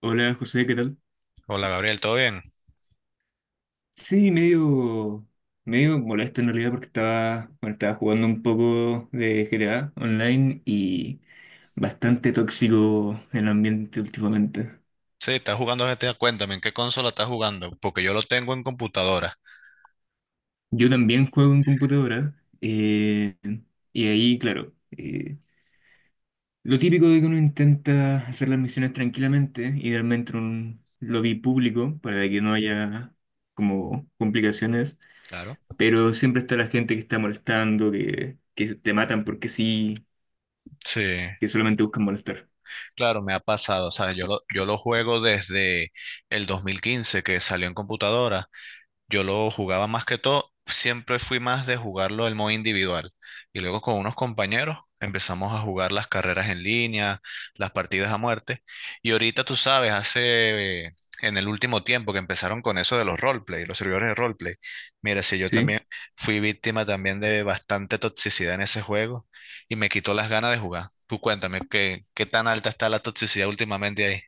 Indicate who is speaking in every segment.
Speaker 1: Hola José, ¿qué tal?
Speaker 2: Hola Gabriel, ¿todo bien?
Speaker 1: Sí, medio, medio molesto en realidad porque estaba, bueno, estaba jugando un poco de GTA online y bastante tóxico el ambiente últimamente.
Speaker 2: Sí, estás jugando GTA, cuéntame, ¿en qué consola estás jugando? Porque yo lo tengo en computadora.
Speaker 1: Yo también juego en computadora y ahí, claro, lo típico de que uno intenta hacer las misiones tranquilamente, idealmente en un lobby público para que no haya como complicaciones.
Speaker 2: Claro.
Speaker 1: Pero siempre está la gente que está molestando, que te matan porque sí,
Speaker 2: Sí,
Speaker 1: que solamente buscan molestar.
Speaker 2: claro, me ha pasado, o sea, yo lo juego desde el 2015 que salió en computadora. Yo lo jugaba más que todo, siempre fui más de jugarlo el modo individual. Y luego con unos compañeros empezamos a jugar las carreras en línea, las partidas a muerte. Y ahorita tú sabes, hace en el último tiempo que empezaron con eso de los roleplay, los servidores de roleplay. Mira, si yo
Speaker 1: Sí.
Speaker 2: también fui víctima también de bastante toxicidad en ese juego y me quitó las ganas de jugar. Tú cuéntame, ¿qué, qué tan alta está la toxicidad últimamente ahí?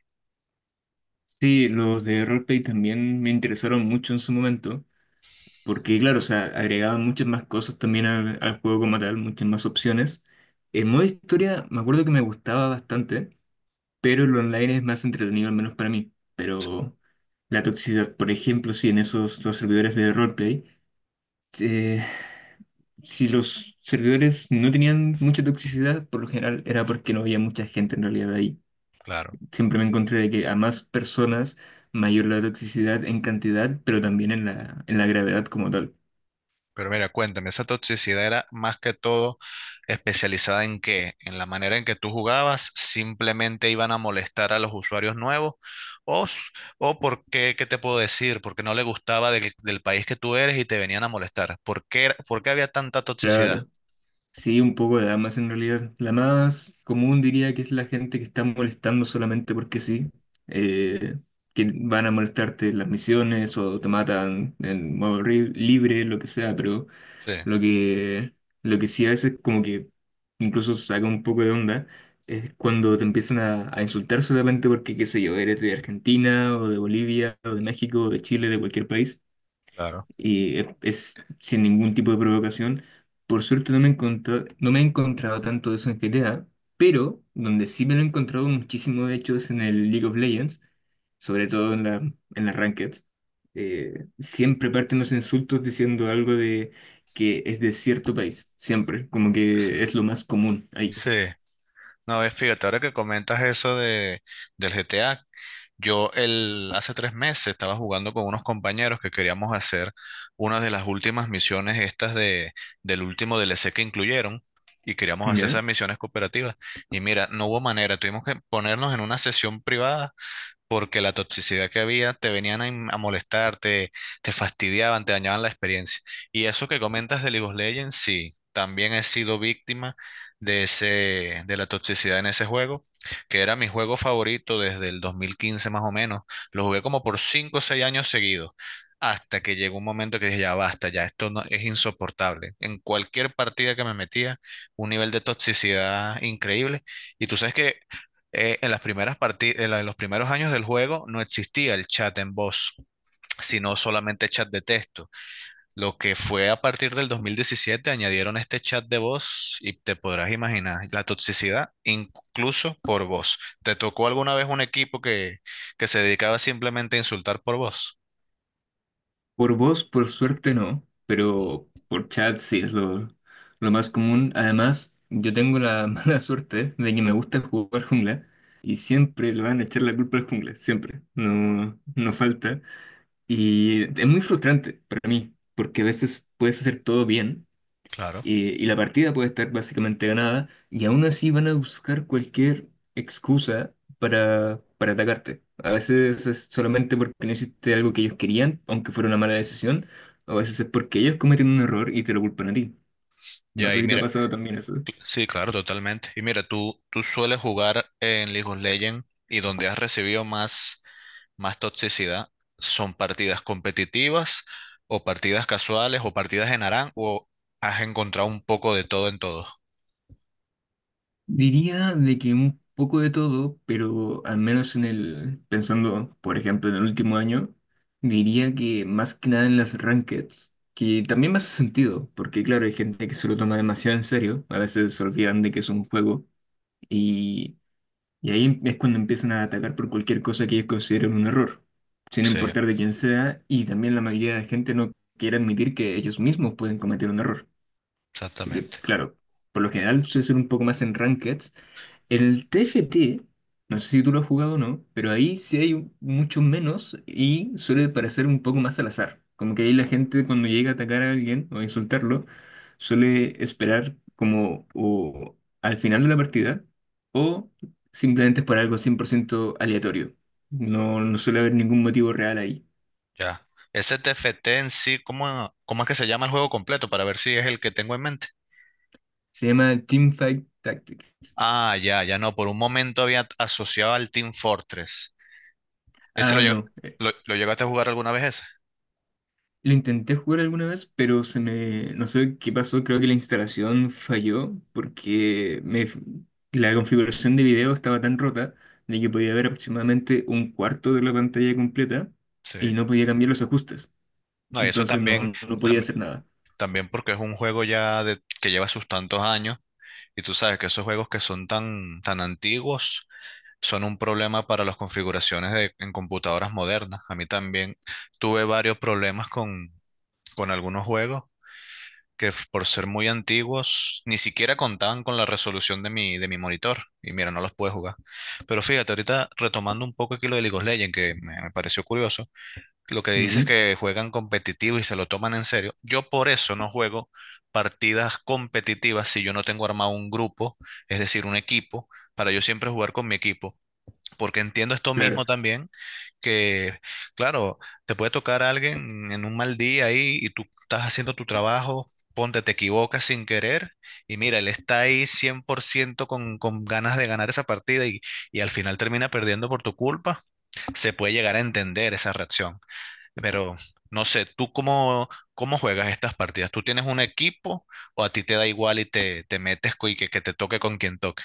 Speaker 1: Sí, los de roleplay también me interesaron mucho en su momento, porque claro, o sea, agregaban muchas más cosas también al juego como tal, muchas más opciones. El modo historia me acuerdo que me gustaba bastante, pero el online es más entretenido, al menos para mí. Pero la toxicidad, por ejemplo, sí, en esos los servidores de roleplay. eh, Si los servidores no tenían mucha toxicidad, por lo general era porque no había mucha gente en realidad ahí.
Speaker 2: Claro.
Speaker 1: Siempre me encontré de que a más personas, mayor la toxicidad en cantidad, pero también en la gravedad como tal.
Speaker 2: Pero mira, cuéntame, ¿esa toxicidad era más que todo especializada en qué? ¿En la manera en que tú jugabas? ¿Simplemente iban a molestar a los usuarios nuevos? ¿O, s- o por qué, qué te puedo decir? Porque no le gustaba del país que tú eres y te venían a molestar. ¿Por qué, por qué había tanta toxicidad?
Speaker 1: Claro, sí, un poco de damas en realidad. La más común diría que es la gente que está molestando solamente porque sí, eh, que van a molestarte en las misiones o te matan en modo libre, lo que sea, pero
Speaker 2: Sí,
Speaker 1: lo que, lo que sí a veces como que incluso saca un poco de onda es cuando te empiezan a insultar solamente porque, qué sé yo, eres de Argentina o de Bolivia o de México o de Chile, de cualquier país
Speaker 2: claro.
Speaker 1: y es sin ningún tipo de provocación. Por suerte no me he encontrado tanto de eso en GTA, pero donde sí me lo he encontrado muchísimo de hecho es en el League of Legends, sobre todo en las rankeds. Siempre parten los insultos diciendo algo de que es de cierto país, siempre, como que es lo más común
Speaker 2: Sí,
Speaker 1: ahí.
Speaker 2: no, ves fíjate, ahora que comentas del GTA, hace 3 meses estaba jugando con unos compañeros que queríamos hacer una de las últimas misiones estas de, del último DLC que incluyeron y queríamos hacer esas
Speaker 1: ¿Ya?
Speaker 2: misiones cooperativas. Y mira, no hubo manera, tuvimos que ponernos en una sesión privada porque la toxicidad que había te venían a, a molestar, te fastidiaban, te dañaban la experiencia. Y eso que comentas de League of Legends, sí, también he sido víctima de ese, de la toxicidad en ese juego, que era mi juego favorito desde el 2015 más o menos. Lo jugué como por 5 o 6 años seguidos. Hasta que llegó un momento que dije, ya basta, ya esto no, es insoportable. En cualquier partida que me metía, un nivel de toxicidad increíble. Y tú sabes que en las en los primeros años del juego no existía el chat en voz, sino solamente chat de texto. Lo que fue a partir del 2017 añadieron este chat de voz y te podrás imaginar la toxicidad incluso por voz. ¿Te tocó alguna vez un que se dedicaba simplemente a insultar por voz?
Speaker 1: Por voz, por suerte no, pero por chat sí es lo más común. Además, yo tengo la mala suerte de que me gusta jugar jungla y siempre le van a echar la culpa al jungla, siempre, no, no falta. Y es muy frustrante para mí, porque a veces puedes hacer todo bien
Speaker 2: Claro.
Speaker 1: y la partida puede estar básicamente ganada y aún así van a buscar cualquier excusa para atacarte. A veces es solamente porque no hiciste algo que ellos querían, aunque fuera una mala decisión, a veces es porque ellos cometieron un error y te lo culpan a ti.
Speaker 2: Y
Speaker 1: No sé
Speaker 2: ahí,
Speaker 1: si te ha
Speaker 2: mira,
Speaker 1: pasado también eso.
Speaker 2: sí, claro, totalmente. Y mira, tú sueles jugar en League of Legends y donde has recibido más más toxicidad son partidas competitivas o partidas casuales o partidas en ARAN o has encontrado un poco de todo en todo.
Speaker 1: Diría de que un poco de todo, pero al menos en el, pensando, por ejemplo, en el último año, diría que más que nada en las rankeds, que también me hace sentido, porque claro, hay gente que se lo toma demasiado en serio, a veces se olvidan de que es un juego, y, y ahí es cuando empiezan a atacar por cualquier cosa que ellos consideren un error, sin
Speaker 2: Sí,
Speaker 1: importar de quién sea, y también la mayoría de gente no quiere admitir que ellos mismos pueden cometer un error. Así que,
Speaker 2: exactamente.
Speaker 1: claro, por lo general suele ser un poco más en rankeds. El TFT, no sé si tú lo has jugado o no, pero ahí sí mucho menos y suele parecer un poco más al azar. Como que ahí
Speaker 2: Es-
Speaker 1: la gente cuando llega a atacar a alguien o a insultarlo, suele esperar como o al final de la partida o simplemente es por algo 100% aleatorio. No, no suele haber ningún motivo real ahí.
Speaker 2: Ya. Ese TFT en sí, cómo es que se llama el juego completo? Para ver si es el que tengo en mente.
Speaker 1: Se llama Teamfight Tactics.
Speaker 2: Ah, ya, ya no. Por un momento había asociado al Team Fortress. ¿Ese lo,
Speaker 1: Ah,
Speaker 2: lleg-
Speaker 1: no.
Speaker 2: lo llegaste a jugar alguna vez ese?
Speaker 1: Lo intenté jugar alguna vez, pero se me... No sé qué pasó, creo que la instalación falló porque me... la configuración de video estaba tan rota de que podía ver aproximadamente un cuarto de la pantalla completa
Speaker 2: Sí.
Speaker 1: y no podía cambiar los ajustes.
Speaker 2: No, y eso
Speaker 1: Entonces
Speaker 2: también,
Speaker 1: no, no podía
Speaker 2: tam-
Speaker 1: hacer nada.
Speaker 2: también porque es un juego ya de, que lleva sus tantos años. Y tú sabes que esos juegos que son tan, tan antiguos son un problema para las configuraciones en computadoras modernas. A mí también tuve varios problemas con algunos juegos por ser muy antiguos ni siquiera contaban con la resolución de de mi monitor. Y mira, no los pude jugar. Pero fíjate, ahorita retomando un poco aquí lo de League of Legends, que me pareció curioso. Lo que dices
Speaker 1: Ujú.
Speaker 2: que juegan competitivo y se lo toman en serio. Yo por eso no juego partidas competitivas si yo no tengo armado un grupo, es decir, un equipo, para yo siempre jugar con mi equipo. Porque entiendo esto
Speaker 1: Claro.
Speaker 2: mismo también, que claro, te puede tocar a alguien en un mal día ahí y tú estás haciendo tu trabajo, ponte, te equivocas sin querer y mira, él está ahí 100% con ganas de ganar esa partida y al final termina perdiendo por tu culpa, se puede llegar a entender esa reacción. Pero no sé, cómo juegas estas partidas? ¿Tú tienes un equipo o a ti te da igual y te metes y que te toque con quien toque?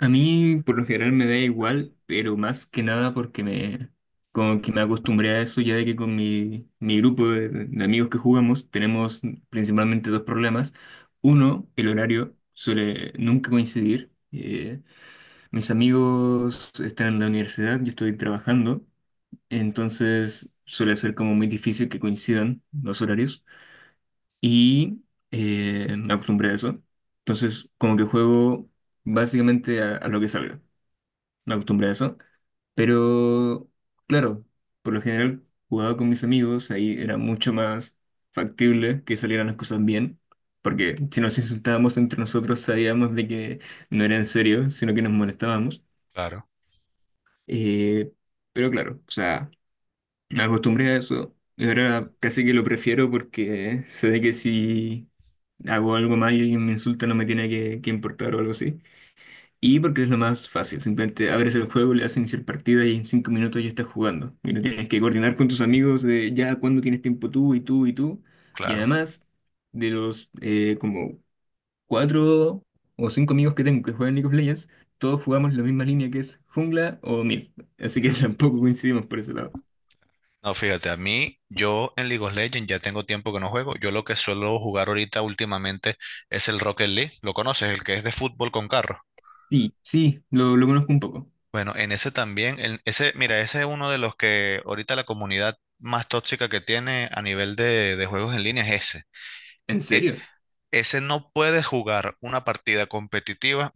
Speaker 1: A mí por lo general me da igual, pero más que nada porque me como que me acostumbré a eso ya de que con mi grupo de amigos que jugamos tenemos principalmente dos problemas. Uno, el horario suele nunca coincidir. Mis amigos están en la universidad, yo estoy trabajando, entonces suele ser como muy difícil que coincidan los horarios y me acostumbré a eso. Entonces como que juego básicamente a lo que salga no acostumbré a eso. Pero, claro, por lo general jugaba con mis amigos, ahí era mucho más factible que salieran las cosas bien, porque si nos insultábamos entre nosotros sabíamos de que no era en serio, sino que nos molestábamos.
Speaker 2: Claro,
Speaker 1: Eh, pero claro, o sea, me acostumbré a eso, y ahora casi que lo prefiero porque sé de que si hago algo mal y alguien me insulta no me tiene que importar o algo así. Y porque es lo más fácil, simplemente abres el juego, le das iniciar partida y en cinco minutos ya estás jugando. Y no tienes que coordinar con tus amigos de ya cuándo tienes tiempo tú y tú y tú. Y
Speaker 2: claro.
Speaker 1: además, de los como cuatro o cinco amigos que tengo que juegan League of Legends, todos jugamos la misma línea que es jungla o mid. Así que tampoco coincidimos por ese lado.
Speaker 2: No, fíjate, a mí, yo en League of Legends ya tengo tiempo que no juego. Yo lo que suelo jugar ahorita últimamente es el Rocket League. ¿Lo conoces? El que es de fútbol con carros.
Speaker 1: Sí, sí, lo conozco un poco.
Speaker 2: Bueno, en ese también, en ese, mira, ese es uno de los que ahorita la comunidad más tóxica que tiene a nivel de juegos en línea es ese.
Speaker 1: ¿En
Speaker 2: E-
Speaker 1: serio?
Speaker 2: ese no puede jugar una partida competitiva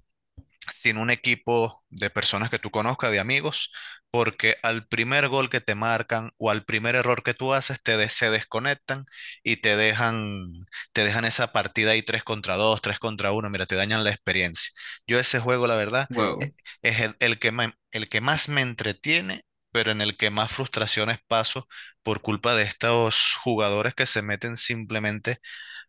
Speaker 2: sin un equipo de personas que tú conozcas, de amigos, porque al primer gol que te marcan o al primer error que tú haces, se desconectan y te dejan esa partida ahí 3 contra 2 3 contra uno mira, te dañan la experiencia. Yo ese juego, la verdad, e-
Speaker 1: Wow.
Speaker 2: es el que, el que más me entretiene, pero en el que más frustraciones paso por culpa de estos jugadores que se meten simplemente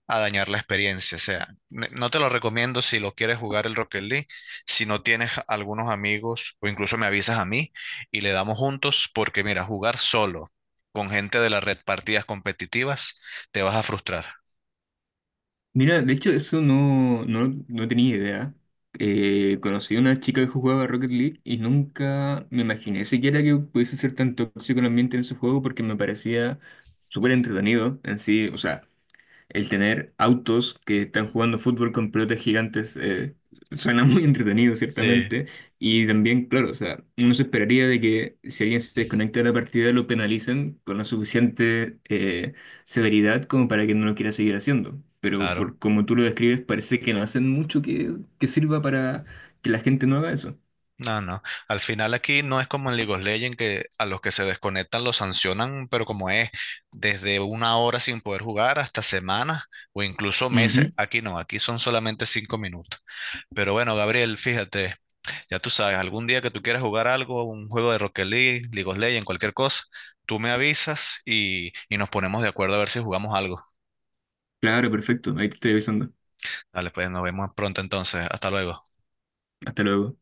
Speaker 2: a dañar la experiencia. O sea, no te lo recomiendo si lo quieres jugar el Rocket League, si no tienes algunos amigos o incluso me avisas a mí y le damos juntos, porque mira, jugar solo con gente de la red partidas competitivas, te vas a frustrar.
Speaker 1: Mira, de hecho, eso no, no, no tenía idea. Conocí a una chica que jugaba Rocket League y nunca me imaginé siquiera que pudiese ser tan tóxico el ambiente en ese juego porque me parecía súper entretenido en sí. O sea, el tener autos que están jugando fútbol con pelotas gigantes suena muy entretenido,
Speaker 2: Sí,
Speaker 1: ciertamente. Y también, claro, o sea, uno se esperaría de que si alguien se desconecta de la partida lo penalicen con la suficiente severidad como para que no lo quiera seguir haciendo. Pero
Speaker 2: claro.
Speaker 1: por como tú lo describes, parece que no hacen mucho que sirva para que la gente no haga eso.
Speaker 2: No, no. Al final aquí no es como en League of Legends que a los que se desconectan los sancionan, pero como es desde una hora sin poder jugar hasta semanas o incluso meses.
Speaker 1: Ujú.
Speaker 2: Aquí no, aquí son solamente 5 minutos. Pero bueno, Gabriel, fíjate, ya tú sabes, algún día que tú quieras jugar algo, un juego de Rocket League, League of Legends, cualquier cosa, tú me avisas y nos ponemos de acuerdo a ver si jugamos algo.
Speaker 1: Claro, perfecto. Ahí te estoy avisando.
Speaker 2: Dale, pues nos vemos pronto entonces. Hasta luego.
Speaker 1: Hasta luego.